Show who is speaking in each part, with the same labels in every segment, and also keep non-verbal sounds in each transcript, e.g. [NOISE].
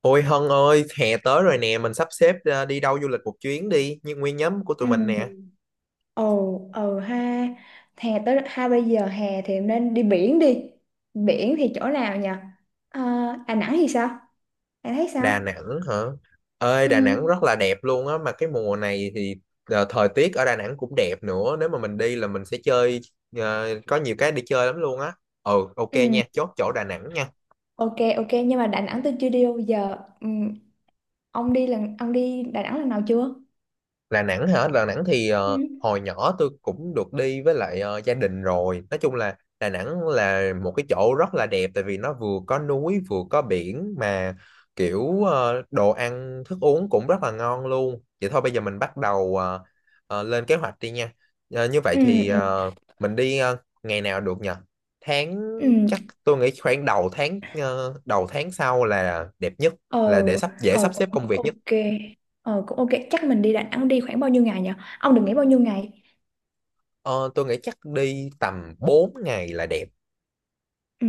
Speaker 1: Ôi Hân ơi, hè tới rồi nè, mình sắp xếp ra đi đâu du lịch một chuyến đi, như nguyên nhóm của tụi
Speaker 2: Ừ,
Speaker 1: mình nè.
Speaker 2: ồ, ừ ha. Hè tới ha, bây giờ hè thì nên đi biển đi. Biển thì chỗ nào nhỉ? À, Đà Nẵng thì sao? Bạn thấy sao?
Speaker 1: Đà Nẵng hả? Ơi,
Speaker 2: Ừ,
Speaker 1: Đà Nẵng rất là đẹp luôn á, mà cái mùa này thì thời tiết ở Đà Nẵng cũng đẹp nữa, nếu mà mình đi là mình sẽ chơi, có nhiều cái để chơi lắm luôn á. Ừ, ok
Speaker 2: ừ,
Speaker 1: nha, chốt chỗ Đà Nẵng nha.
Speaker 2: ok, ok. Nhưng mà Đà Nẵng tôi chưa đi đâu giờ, ừ. Ông đi Đà Nẵng lần nào chưa?
Speaker 1: Đà Nẵng hả? Đà Nẵng thì
Speaker 2: Ừ,
Speaker 1: hồi nhỏ tôi cũng được đi với lại gia đình rồi. Nói chung là Đà Nẵng là một cái chỗ rất là đẹp, tại vì nó vừa có núi vừa có biển, mà kiểu đồ ăn thức uống cũng rất là ngon luôn. Vậy thôi bây giờ mình bắt đầu lên kế hoạch đi nha. Ờ, như vậy
Speaker 2: ừ,
Speaker 1: thì
Speaker 2: ừ,
Speaker 1: mình đi ngày nào được nhỉ? Tháng
Speaker 2: ừ.
Speaker 1: Chắc tôi nghĩ khoảng đầu tháng, đầu tháng sau là đẹp nhất,
Speaker 2: Ờ,
Speaker 1: là để sắp dễ
Speaker 2: ờ,
Speaker 1: sắp
Speaker 2: cũng
Speaker 1: xếp công
Speaker 2: cũng
Speaker 1: việc nhất.
Speaker 2: ok. Ờ, cũng ok. Chắc mình đi Đà Nẵng đi khoảng bao nhiêu ngày nhỉ? Ông đừng nghĩ bao nhiêu ngày.
Speaker 1: Ờ, tôi nghĩ chắc đi tầm 4 ngày là đẹp.
Speaker 2: Ừ,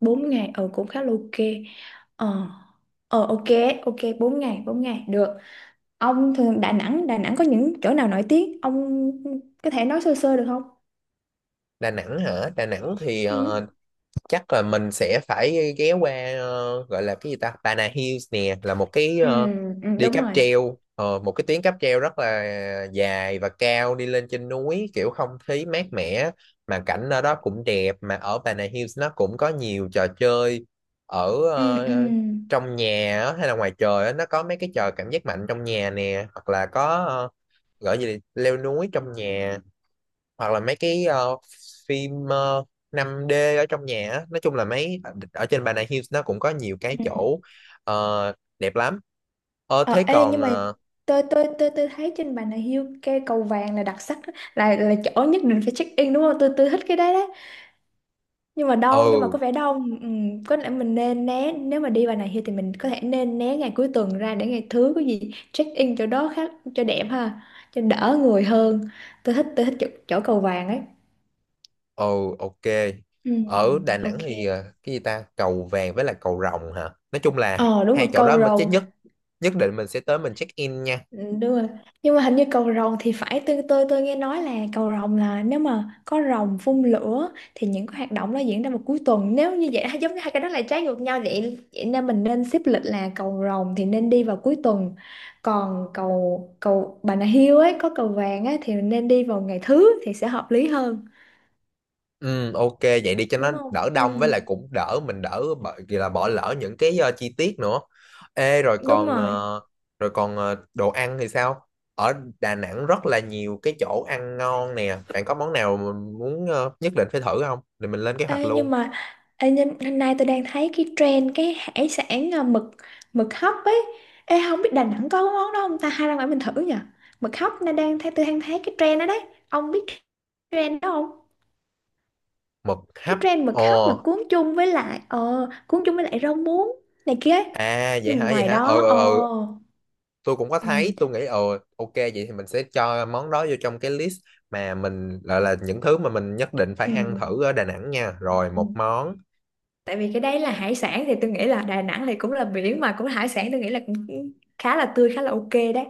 Speaker 2: 4 ngày, cũng khá là ok. Ờ. Ờ ok, ok 4 ngày được. Ông thường Đà Nẵng, Đà Nẵng có những chỗ nào nổi tiếng? Ông có thể nói sơ sơ được không?
Speaker 1: Đà Nẵng hả? Đà Nẵng thì
Speaker 2: Ừ.
Speaker 1: chắc là mình sẽ phải ghé qua, gọi là cái gì ta? Pana Hills nè, là một cái
Speaker 2: Ừ, ừ,
Speaker 1: đi
Speaker 2: đúng
Speaker 1: cáp
Speaker 2: rồi.
Speaker 1: treo, một cái tuyến cáp treo rất là dài và cao đi lên trên núi, kiểu không khí mát mẻ mà cảnh ở đó cũng đẹp, mà ở Pana Hills nó cũng có nhiều trò chơi ở
Speaker 2: Ừ ừ.
Speaker 1: trong nhà á, hay là ngoài trời á, nó có mấy cái trò cảm giác mạnh trong nhà nè, hoặc là có gọi gì là leo núi trong nhà, hoặc là mấy cái phim 5D ở trong nhà á. Nói chung là mấy, ở trên Bà Nà Hills nó cũng có nhiều cái
Speaker 2: Ừ.
Speaker 1: chỗ ờ, đẹp lắm. Ờ thế
Speaker 2: Ờ, ê
Speaker 1: còn
Speaker 2: nhưng mà
Speaker 1: ờ
Speaker 2: tôi thấy trên Bà Nà Hills cái cầu vàng là đặc sắc đó, là chỗ nhất định phải check in đúng không? Tôi thích cái đấy đó. Nhưng mà nhưng mà
Speaker 1: Ừ,
Speaker 2: có vẻ đau, ừ. Có lẽ mình nên né, nếu mà đi vào này thì mình có thể nên né ngày cuối tuần ra, để ngày thứ có gì check in chỗ đó khác cho đẹp ha, cho đỡ người hơn. Tôi thích chỗ cầu vàng ấy.
Speaker 1: ừ, ok.
Speaker 2: Ừ,
Speaker 1: Ở Đà Nẵng
Speaker 2: ok.
Speaker 1: thì cái gì ta, cầu vàng với là cầu rồng hả, nói chung là
Speaker 2: Ờ đúng
Speaker 1: hai
Speaker 2: rồi,
Speaker 1: chỗ đó
Speaker 2: cầu
Speaker 1: mà chắc
Speaker 2: rồng.
Speaker 1: nhất. Nhất định mình sẽ tới, mình check in nha.
Speaker 2: Ừ, đúng rồi. Nhưng mà hình như cầu rồng thì phải, tôi nghe nói là cầu rồng là nếu mà có rồng phun lửa thì những cái hoạt động đó diễn ra vào cuối tuần, nếu như vậy [LAUGHS] giống như hai cái đó là trái ngược nhau vậy, vậy nên mình nên xếp lịch là cầu rồng thì nên đi vào cuối tuần, còn cầu cầu Bà Nà Hills ấy có cầu vàng ấy thì nên đi vào ngày thứ thì sẽ hợp lý hơn,
Speaker 1: Ừ, ok vậy đi cho nó
Speaker 2: đúng
Speaker 1: đỡ
Speaker 2: không? Ừ,
Speaker 1: đông, với lại cũng đỡ mình, đỡ bỏ, vì là bỏ lỡ những cái chi tiết nữa. Ê, rồi
Speaker 2: đúng
Speaker 1: còn
Speaker 2: rồi.
Speaker 1: ờ, rồi còn đồ ăn thì sao? Ở Đà Nẵng rất là nhiều cái chỗ ăn ngon nè. Bạn có món nào mình muốn nhất định phải thử không? Thì mình lên kế hoạch
Speaker 2: Ê,
Speaker 1: luôn.
Speaker 2: nhưng, hôm nay tôi đang thấy cái trend cái hải sản à, mực mực hấp ấy. Ê, không biết Đà Nẵng có cái món đó không ta, hay ra ngoài mình thử nhỉ? Mực hấp, nên đang thấy tôi đang thấy cái trend đó đấy. Ông biết trend đó không?
Speaker 1: Mực hấp.
Speaker 2: Cái trend mực hấp mà
Speaker 1: Ồ,
Speaker 2: cuốn chung với lại rau muống này kia ấy.
Speaker 1: à vậy hả,
Speaker 2: Nhưng
Speaker 1: vậy
Speaker 2: ngoài
Speaker 1: hả?
Speaker 2: đó ờ
Speaker 1: Ờ, tôi cũng có
Speaker 2: ừ,
Speaker 1: thấy, tôi nghĩ ok vậy thì mình sẽ cho món đó vô trong cái list mà mình gọi là những thứ mà mình nhất định phải
Speaker 2: ừ,
Speaker 1: ăn thử ở Đà Nẵng nha. Rồi
Speaker 2: ừ.
Speaker 1: một món
Speaker 2: Tại vì cái đấy là hải sản thì tôi nghĩ là Đà Nẵng thì cũng là biển mà cũng là hải sản, tôi nghĩ là cũng khá là tươi, khá là ok đấy.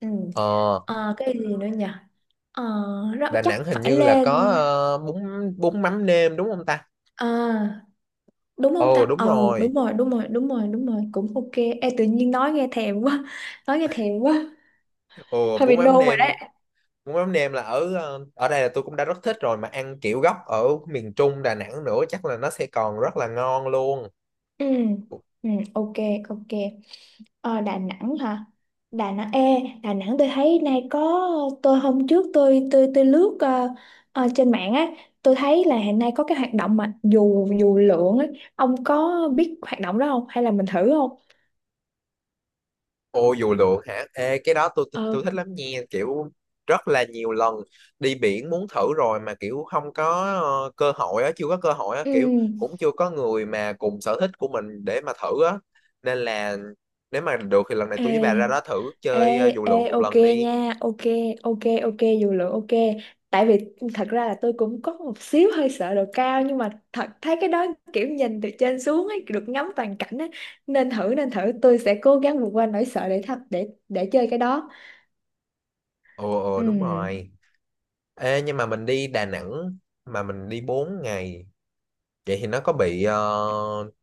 Speaker 2: Ừ.
Speaker 1: Ờ,
Speaker 2: Ờ, cái gì nữa nhỉ? Ờ, rất
Speaker 1: Đà
Speaker 2: chắc
Speaker 1: Nẵng hình
Speaker 2: phải
Speaker 1: như là
Speaker 2: lên.
Speaker 1: có bún bún mắm nêm đúng không ta?
Speaker 2: À, đúng không
Speaker 1: Ồ
Speaker 2: ta?
Speaker 1: đúng
Speaker 2: Ừ,
Speaker 1: rồi.
Speaker 2: đúng rồi, đúng rồi, đúng rồi, đúng rồi, cũng ok. Ê, tự nhiên nói nghe thèm quá, [LAUGHS] nói nghe thèm quá,
Speaker 1: Ồ
Speaker 2: hơi bị nôn rồi đấy.
Speaker 1: bún mắm nêm là ở ở đây là tôi cũng đã rất thích rồi, mà ăn kiểu gốc ở miền Trung Đà Nẵng nữa chắc là nó sẽ còn rất là ngon luôn.
Speaker 2: Ừ, ừ, ok, ok. Ờ, Đà Nẵng hả? Đà Nẵng, ê, Đà Nẵng tôi thấy nay có, tôi hôm trước tôi lướt trên mạng á, tôi thấy là hiện nay có cái hoạt động mà dù dù lượn ấy, ông có biết hoạt động đó không? Hay là mình thử không?
Speaker 1: Ô, dù lượn hả? Ê, cái đó tôi
Speaker 2: Ờ,
Speaker 1: tôi thích lắm nha, kiểu rất là nhiều lần đi biển muốn thử rồi mà kiểu không có cơ hội á, chưa có cơ hội á,
Speaker 2: ừ.
Speaker 1: kiểu cũng chưa có người mà cùng sở thích của mình để mà thử á. Nên là nếu mà được thì lần này
Speaker 2: Ê,
Speaker 1: tôi với bà ra đó thử
Speaker 2: Ê,
Speaker 1: chơi dù lượn
Speaker 2: ê,
Speaker 1: một
Speaker 2: ok
Speaker 1: lần đi.
Speaker 2: nha, ok, ok, ok, dù lượng ok. Tại vì thật ra là tôi cũng có một xíu hơi sợ độ cao, nhưng mà thật thấy cái đó kiểu nhìn từ trên xuống ấy, được ngắm toàn cảnh ấy. Nên thử, tôi sẽ cố gắng vượt qua nỗi sợ để thật để chơi cái đó.
Speaker 1: Ồ ồ đúng
Speaker 2: Ừm.
Speaker 1: rồi. Ê nhưng mà mình đi Đà Nẵng mà mình đi 4 ngày, vậy thì nó có bị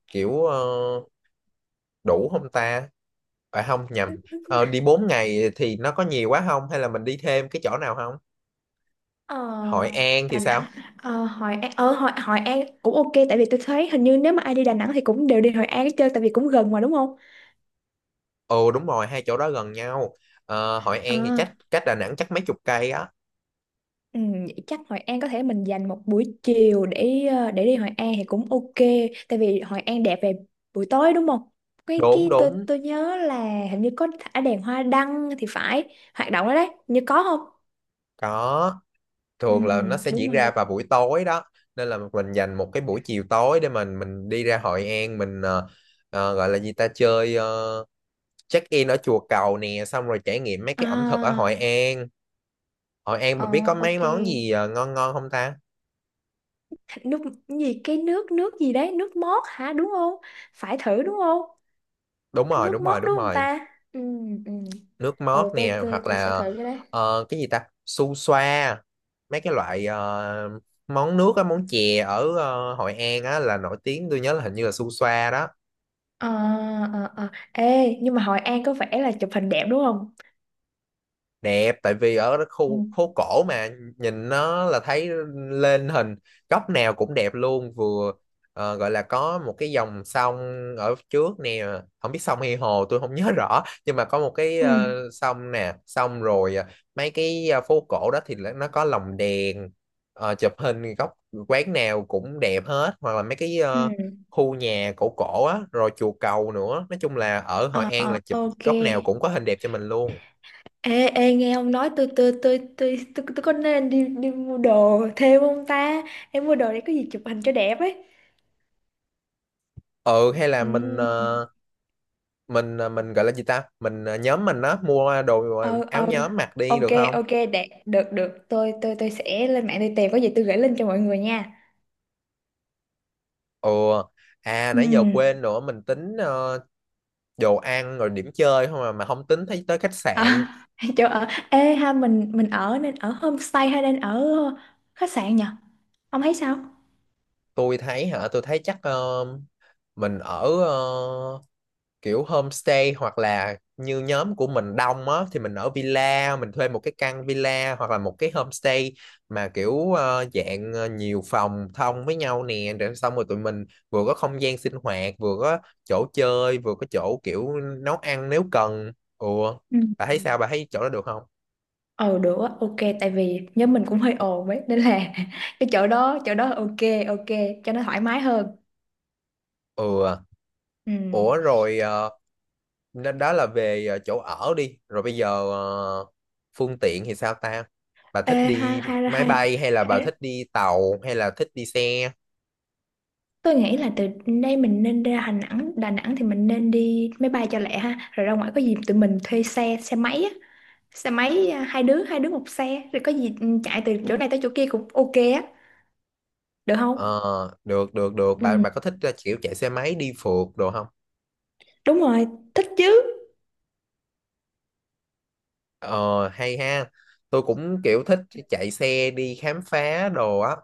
Speaker 1: kiểu đủ không ta? À không, nhầm. Đi 4 ngày thì nó có nhiều quá không, hay là mình đi thêm cái chỗ nào không?
Speaker 2: Ờ,
Speaker 1: Hội An thì
Speaker 2: Đà Nẵng,
Speaker 1: sao?
Speaker 2: ờ, Hội An, ờ, Hội, Hội An cũng ok tại vì tôi thấy hình như nếu mà ai đi Đà Nẵng thì cũng đều đi Hội An chơi, tại vì cũng gần mà đúng không?
Speaker 1: Ồ đúng rồi, hai chỗ đó gần nhau. Hội
Speaker 2: Ờ.
Speaker 1: An thì cách cách Đà Nẵng chắc mấy chục cây á.
Speaker 2: Ừ, vậy chắc Hội An có thể mình dành một buổi chiều để đi Hội An thì cũng ok, tại vì Hội An đẹp về buổi tối đúng không? cái
Speaker 1: Đúng,
Speaker 2: cái tôi
Speaker 1: đúng.
Speaker 2: tôi nhớ là hình như có thả đèn hoa đăng thì phải, hoạt động đó đấy như có không?
Speaker 1: Có,
Speaker 2: Ừ,
Speaker 1: thường là nó sẽ
Speaker 2: đúng
Speaker 1: diễn
Speaker 2: rồi.
Speaker 1: ra
Speaker 2: Đúng.
Speaker 1: vào buổi tối đó. Nên là mình dành một cái buổi chiều tối để mình đi ra Hội An, mình gọi là gì ta, chơi check in ở chùa Cầu nè, xong rồi trải nghiệm mấy cái ẩm thực ở Hội
Speaker 2: À.
Speaker 1: An. Hội An
Speaker 2: Ờ,
Speaker 1: mà biết có mấy
Speaker 2: ok.
Speaker 1: món gì ngon ngon không ta?
Speaker 2: nước cái gì? Cái nước nước gì đấy? Nước mót hả đúng không? Phải thử đúng không?
Speaker 1: Đúng
Speaker 2: Cái
Speaker 1: rồi,
Speaker 2: nước
Speaker 1: đúng
Speaker 2: mót
Speaker 1: rồi, đúng
Speaker 2: đúng không
Speaker 1: rồi.
Speaker 2: ta? Ừ, ừ.
Speaker 1: Nước mót
Speaker 2: Ờ, tôi,
Speaker 1: nè,
Speaker 2: tôi,
Speaker 1: hoặc
Speaker 2: tôi sẽ
Speaker 1: là
Speaker 2: thử cái đấy.
Speaker 1: cái gì ta, su xoa. Mấy cái loại món nước á, món chè ở Hội An á là nổi tiếng, tôi nhớ là hình như là su xoa đó.
Speaker 2: Ờ, ờ, ờ. Ê, nhưng mà Hội An có vẻ là chụp hình đẹp đúng không?
Speaker 1: Đẹp, tại vì ở cái
Speaker 2: Ừ.
Speaker 1: khu phố cổ mà, nhìn nó là thấy lên hình góc nào cũng đẹp luôn, vừa gọi là có một cái dòng sông ở trước nè, không biết sông hay hồ tôi không [LAUGHS] nhớ rõ, nhưng mà có một cái
Speaker 2: Ừ.
Speaker 1: sông nè, xong rồi mấy cái phố cổ đó nó có lồng đèn. Ờ, chụp hình góc quán nào cũng đẹp hết, hoặc là mấy cái
Speaker 2: Ừ.
Speaker 1: khu nhà cổ cổ á, rồi chùa cầu nữa, nói chung là ở Hội
Speaker 2: Ờ,
Speaker 1: An
Speaker 2: ờ,
Speaker 1: là chụp
Speaker 2: ok.
Speaker 1: góc nào cũng có hình đẹp cho mình luôn.
Speaker 2: Ê, ê, nghe ông nói, tôi có nên đi đi mua đồ thêm không ta? Em mua đồ để có gì chụp hình cho đẹp ấy.
Speaker 1: Ừ, hay là
Speaker 2: Ừ.
Speaker 1: mình ờ, mình ờ, mình gọi là gì ta, mình nhóm mình á mua đồ,
Speaker 2: Ờ,
Speaker 1: áo
Speaker 2: ờ.
Speaker 1: nhóm mặc đi
Speaker 2: Ok,
Speaker 1: được không?
Speaker 2: ok, đẹp. Được, được. Tôi sẽ lên mạng tôi tìm có gì tôi gửi link cho mọi người nha.
Speaker 1: Ừ, à
Speaker 2: Ừ.
Speaker 1: nãy giờ quên nữa, mình tính đồ ăn rồi điểm chơi không, mà không tính thấy tới khách sạn.
Speaker 2: À, [LAUGHS] chỗ ở. Ê ha, mình ở nên ở homestay hay nên ở khách sạn nhỉ? Ông thấy sao?
Speaker 1: Tôi thấy hả? Tôi thấy chắc mình ở kiểu homestay, hoặc là như nhóm của mình đông á thì mình ở villa, mình thuê một cái căn villa hoặc là một cái homestay mà kiểu dạng nhiều phòng thông với nhau nè, rồi xong rồi tụi mình vừa có không gian sinh hoạt, vừa có chỗ chơi, vừa có chỗ kiểu nấu ăn nếu cần. Ừ,
Speaker 2: Ừ.
Speaker 1: bà thấy sao, bà thấy chỗ đó được không?
Speaker 2: Ừ được á, ok tại vì nhóm mình cũng hơi ồn ấy nên là [LAUGHS] cái chỗ đó ok ok cho nó thoải mái hơn.
Speaker 1: Ừ, à.
Speaker 2: Ừ.
Speaker 1: Ủa rồi nên đó là về chỗ ở đi, rồi bây giờ phương tiện thì sao ta, bà
Speaker 2: Ê,
Speaker 1: thích
Speaker 2: hai
Speaker 1: đi
Speaker 2: hai
Speaker 1: máy
Speaker 2: hai
Speaker 1: bay hay là bà
Speaker 2: hai
Speaker 1: thích đi tàu hay là thích đi xe?
Speaker 2: tôi nghĩ là từ đây mình nên ra Đà Nẵng, Đà Nẵng thì mình nên đi máy bay cho lẹ ha, rồi ra ngoài có gì tụi mình thuê xe, xe máy á, xe máy à, hai đứa một xe, rồi có gì ừ, chạy từ chỗ này tới chỗ kia cũng ok á, được không?
Speaker 1: Ờ, được, được, được. bà
Speaker 2: Ừ,
Speaker 1: bà có thích kiểu chạy xe máy đi phượt đồ không?
Speaker 2: đúng rồi, thích chứ.
Speaker 1: Ờ hay ha, tôi cũng kiểu thích chạy xe đi khám phá đồ á.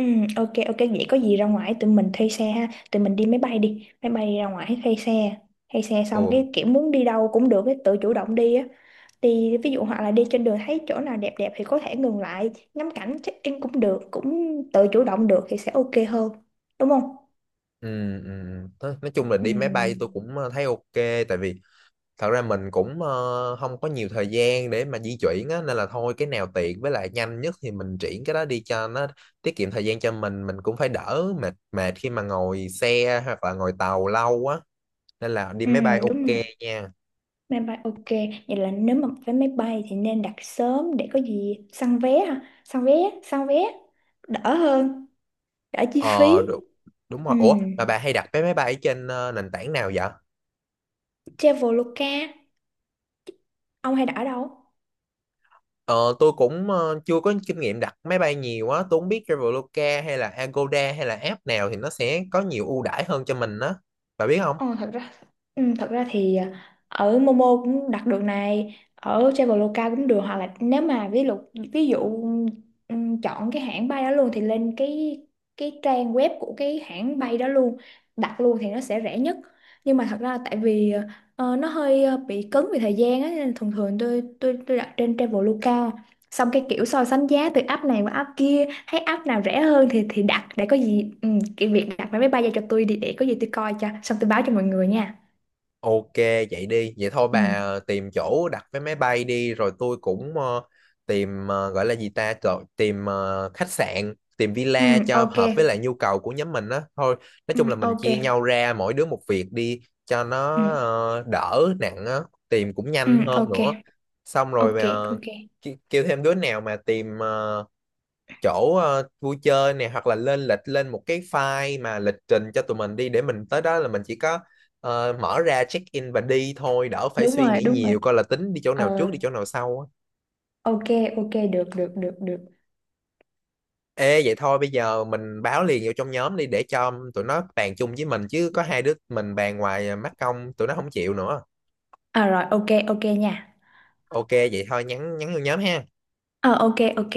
Speaker 2: Ừ, ok ok vậy có gì ra ngoài tụi mình thuê xe ha, tụi mình đi máy bay ra ngoài thuê xe xong
Speaker 1: Ừ,
Speaker 2: cái kiểu muốn đi đâu cũng được, cái tự chủ động đi á, đi ví dụ hoặc là đi trên đường thấy chỗ nào đẹp đẹp thì có thể ngừng lại ngắm cảnh check in cũng được, cũng tự chủ động được thì sẽ ok hơn đúng không?
Speaker 1: ừ, ừ. Nói chung là
Speaker 2: Ừ,
Speaker 1: đi máy bay tôi cũng thấy ok. Tại vì thật ra mình cũng không có nhiều thời gian để mà di chuyển á, nên là thôi cái nào tiện với lại nhanh nhất thì mình triển cái đó đi, cho nó tiết kiệm thời gian cho mình cũng phải đỡ, mệt mệt khi mà ngồi xe hoặc là ngồi tàu lâu á, nên là đi
Speaker 2: ừ
Speaker 1: máy bay
Speaker 2: đúng
Speaker 1: ok
Speaker 2: rồi,
Speaker 1: nha.
Speaker 2: máy bay ok. Vậy là nếu mà vé máy bay thì nên đặt sớm để có gì săn vé ha, săn vé đỡ hơn, đỡ chi phí.
Speaker 1: Ờ đúng, đúng
Speaker 2: Ừ.
Speaker 1: rồi. Ủa mà bà hay đặt vé máy bay trên nền tảng nào vậy?
Speaker 2: Traveloka. Ông hay đã ở đâu?
Speaker 1: Ờ, tôi cũng chưa có kinh nghiệm đặt máy bay nhiều á, tôi không biết Traveloka hay là Agoda hay là app nào thì nó sẽ có nhiều ưu đãi hơn cho mình á, bà biết không?
Speaker 2: Ờ, thật ra Ừ, thật ra thì ở Momo cũng đặt được này, ở Traveloka cũng được, hoặc là nếu mà ví dụ chọn cái hãng bay đó luôn thì lên cái trang web của cái hãng bay đó luôn đặt luôn thì nó sẽ rẻ nhất. Nhưng mà thật ra tại vì nó hơi bị cứng về thời gian á nên thường thường tôi đặt trên Traveloka, xong cái kiểu so sánh giá từ app này qua app kia, thấy app nào rẻ hơn thì đặt, để có gì ừ, cái việc đặt vé máy bay ra cho tôi đi, để có gì tôi coi cho xong tôi báo cho mọi người nha.
Speaker 1: Ok vậy đi, vậy thôi bà
Speaker 2: Ừ.
Speaker 1: tìm chỗ đặt vé máy bay đi. Rồi tôi cũng tìm, gọi là gì ta, trời, tìm khách sạn, tìm
Speaker 2: Ừ
Speaker 1: villa cho
Speaker 2: ok.
Speaker 1: hợp với lại nhu cầu của nhóm mình á. Thôi nói
Speaker 2: Ừ
Speaker 1: chung là mình
Speaker 2: ok.
Speaker 1: chia nhau ra, mỗi đứa một việc đi, cho nó
Speaker 2: Ừ,
Speaker 1: đỡ nặng á, tìm cũng
Speaker 2: ừ
Speaker 1: nhanh hơn
Speaker 2: ok
Speaker 1: nữa. Xong rồi
Speaker 2: ok
Speaker 1: mà
Speaker 2: ok.
Speaker 1: kêu thêm đứa nào mà tìm chỗ vui chơi nè, hoặc là lên lịch, lên một cái file mà lịch trình cho tụi mình đi, để mình tới đó là mình chỉ có mở ra check in và đi thôi, đỡ phải
Speaker 2: Đúng
Speaker 1: suy
Speaker 2: rồi,
Speaker 1: nghĩ
Speaker 2: đúng rồi.
Speaker 1: nhiều coi là tính đi chỗ nào
Speaker 2: Ờ
Speaker 1: trước, đi chỗ nào sau á.
Speaker 2: ok, ok. Được, được, được, được.
Speaker 1: Ê vậy thôi bây giờ mình báo liền vô trong nhóm đi, để cho tụi nó bàn chung với mình, chứ có hai đứa mình bàn ngoài mắc công tụi nó không chịu nữa.
Speaker 2: À rồi, ok ok nha.
Speaker 1: Ok vậy thôi nhắn nhắn vô nhóm ha.
Speaker 2: Ờ ok, ok.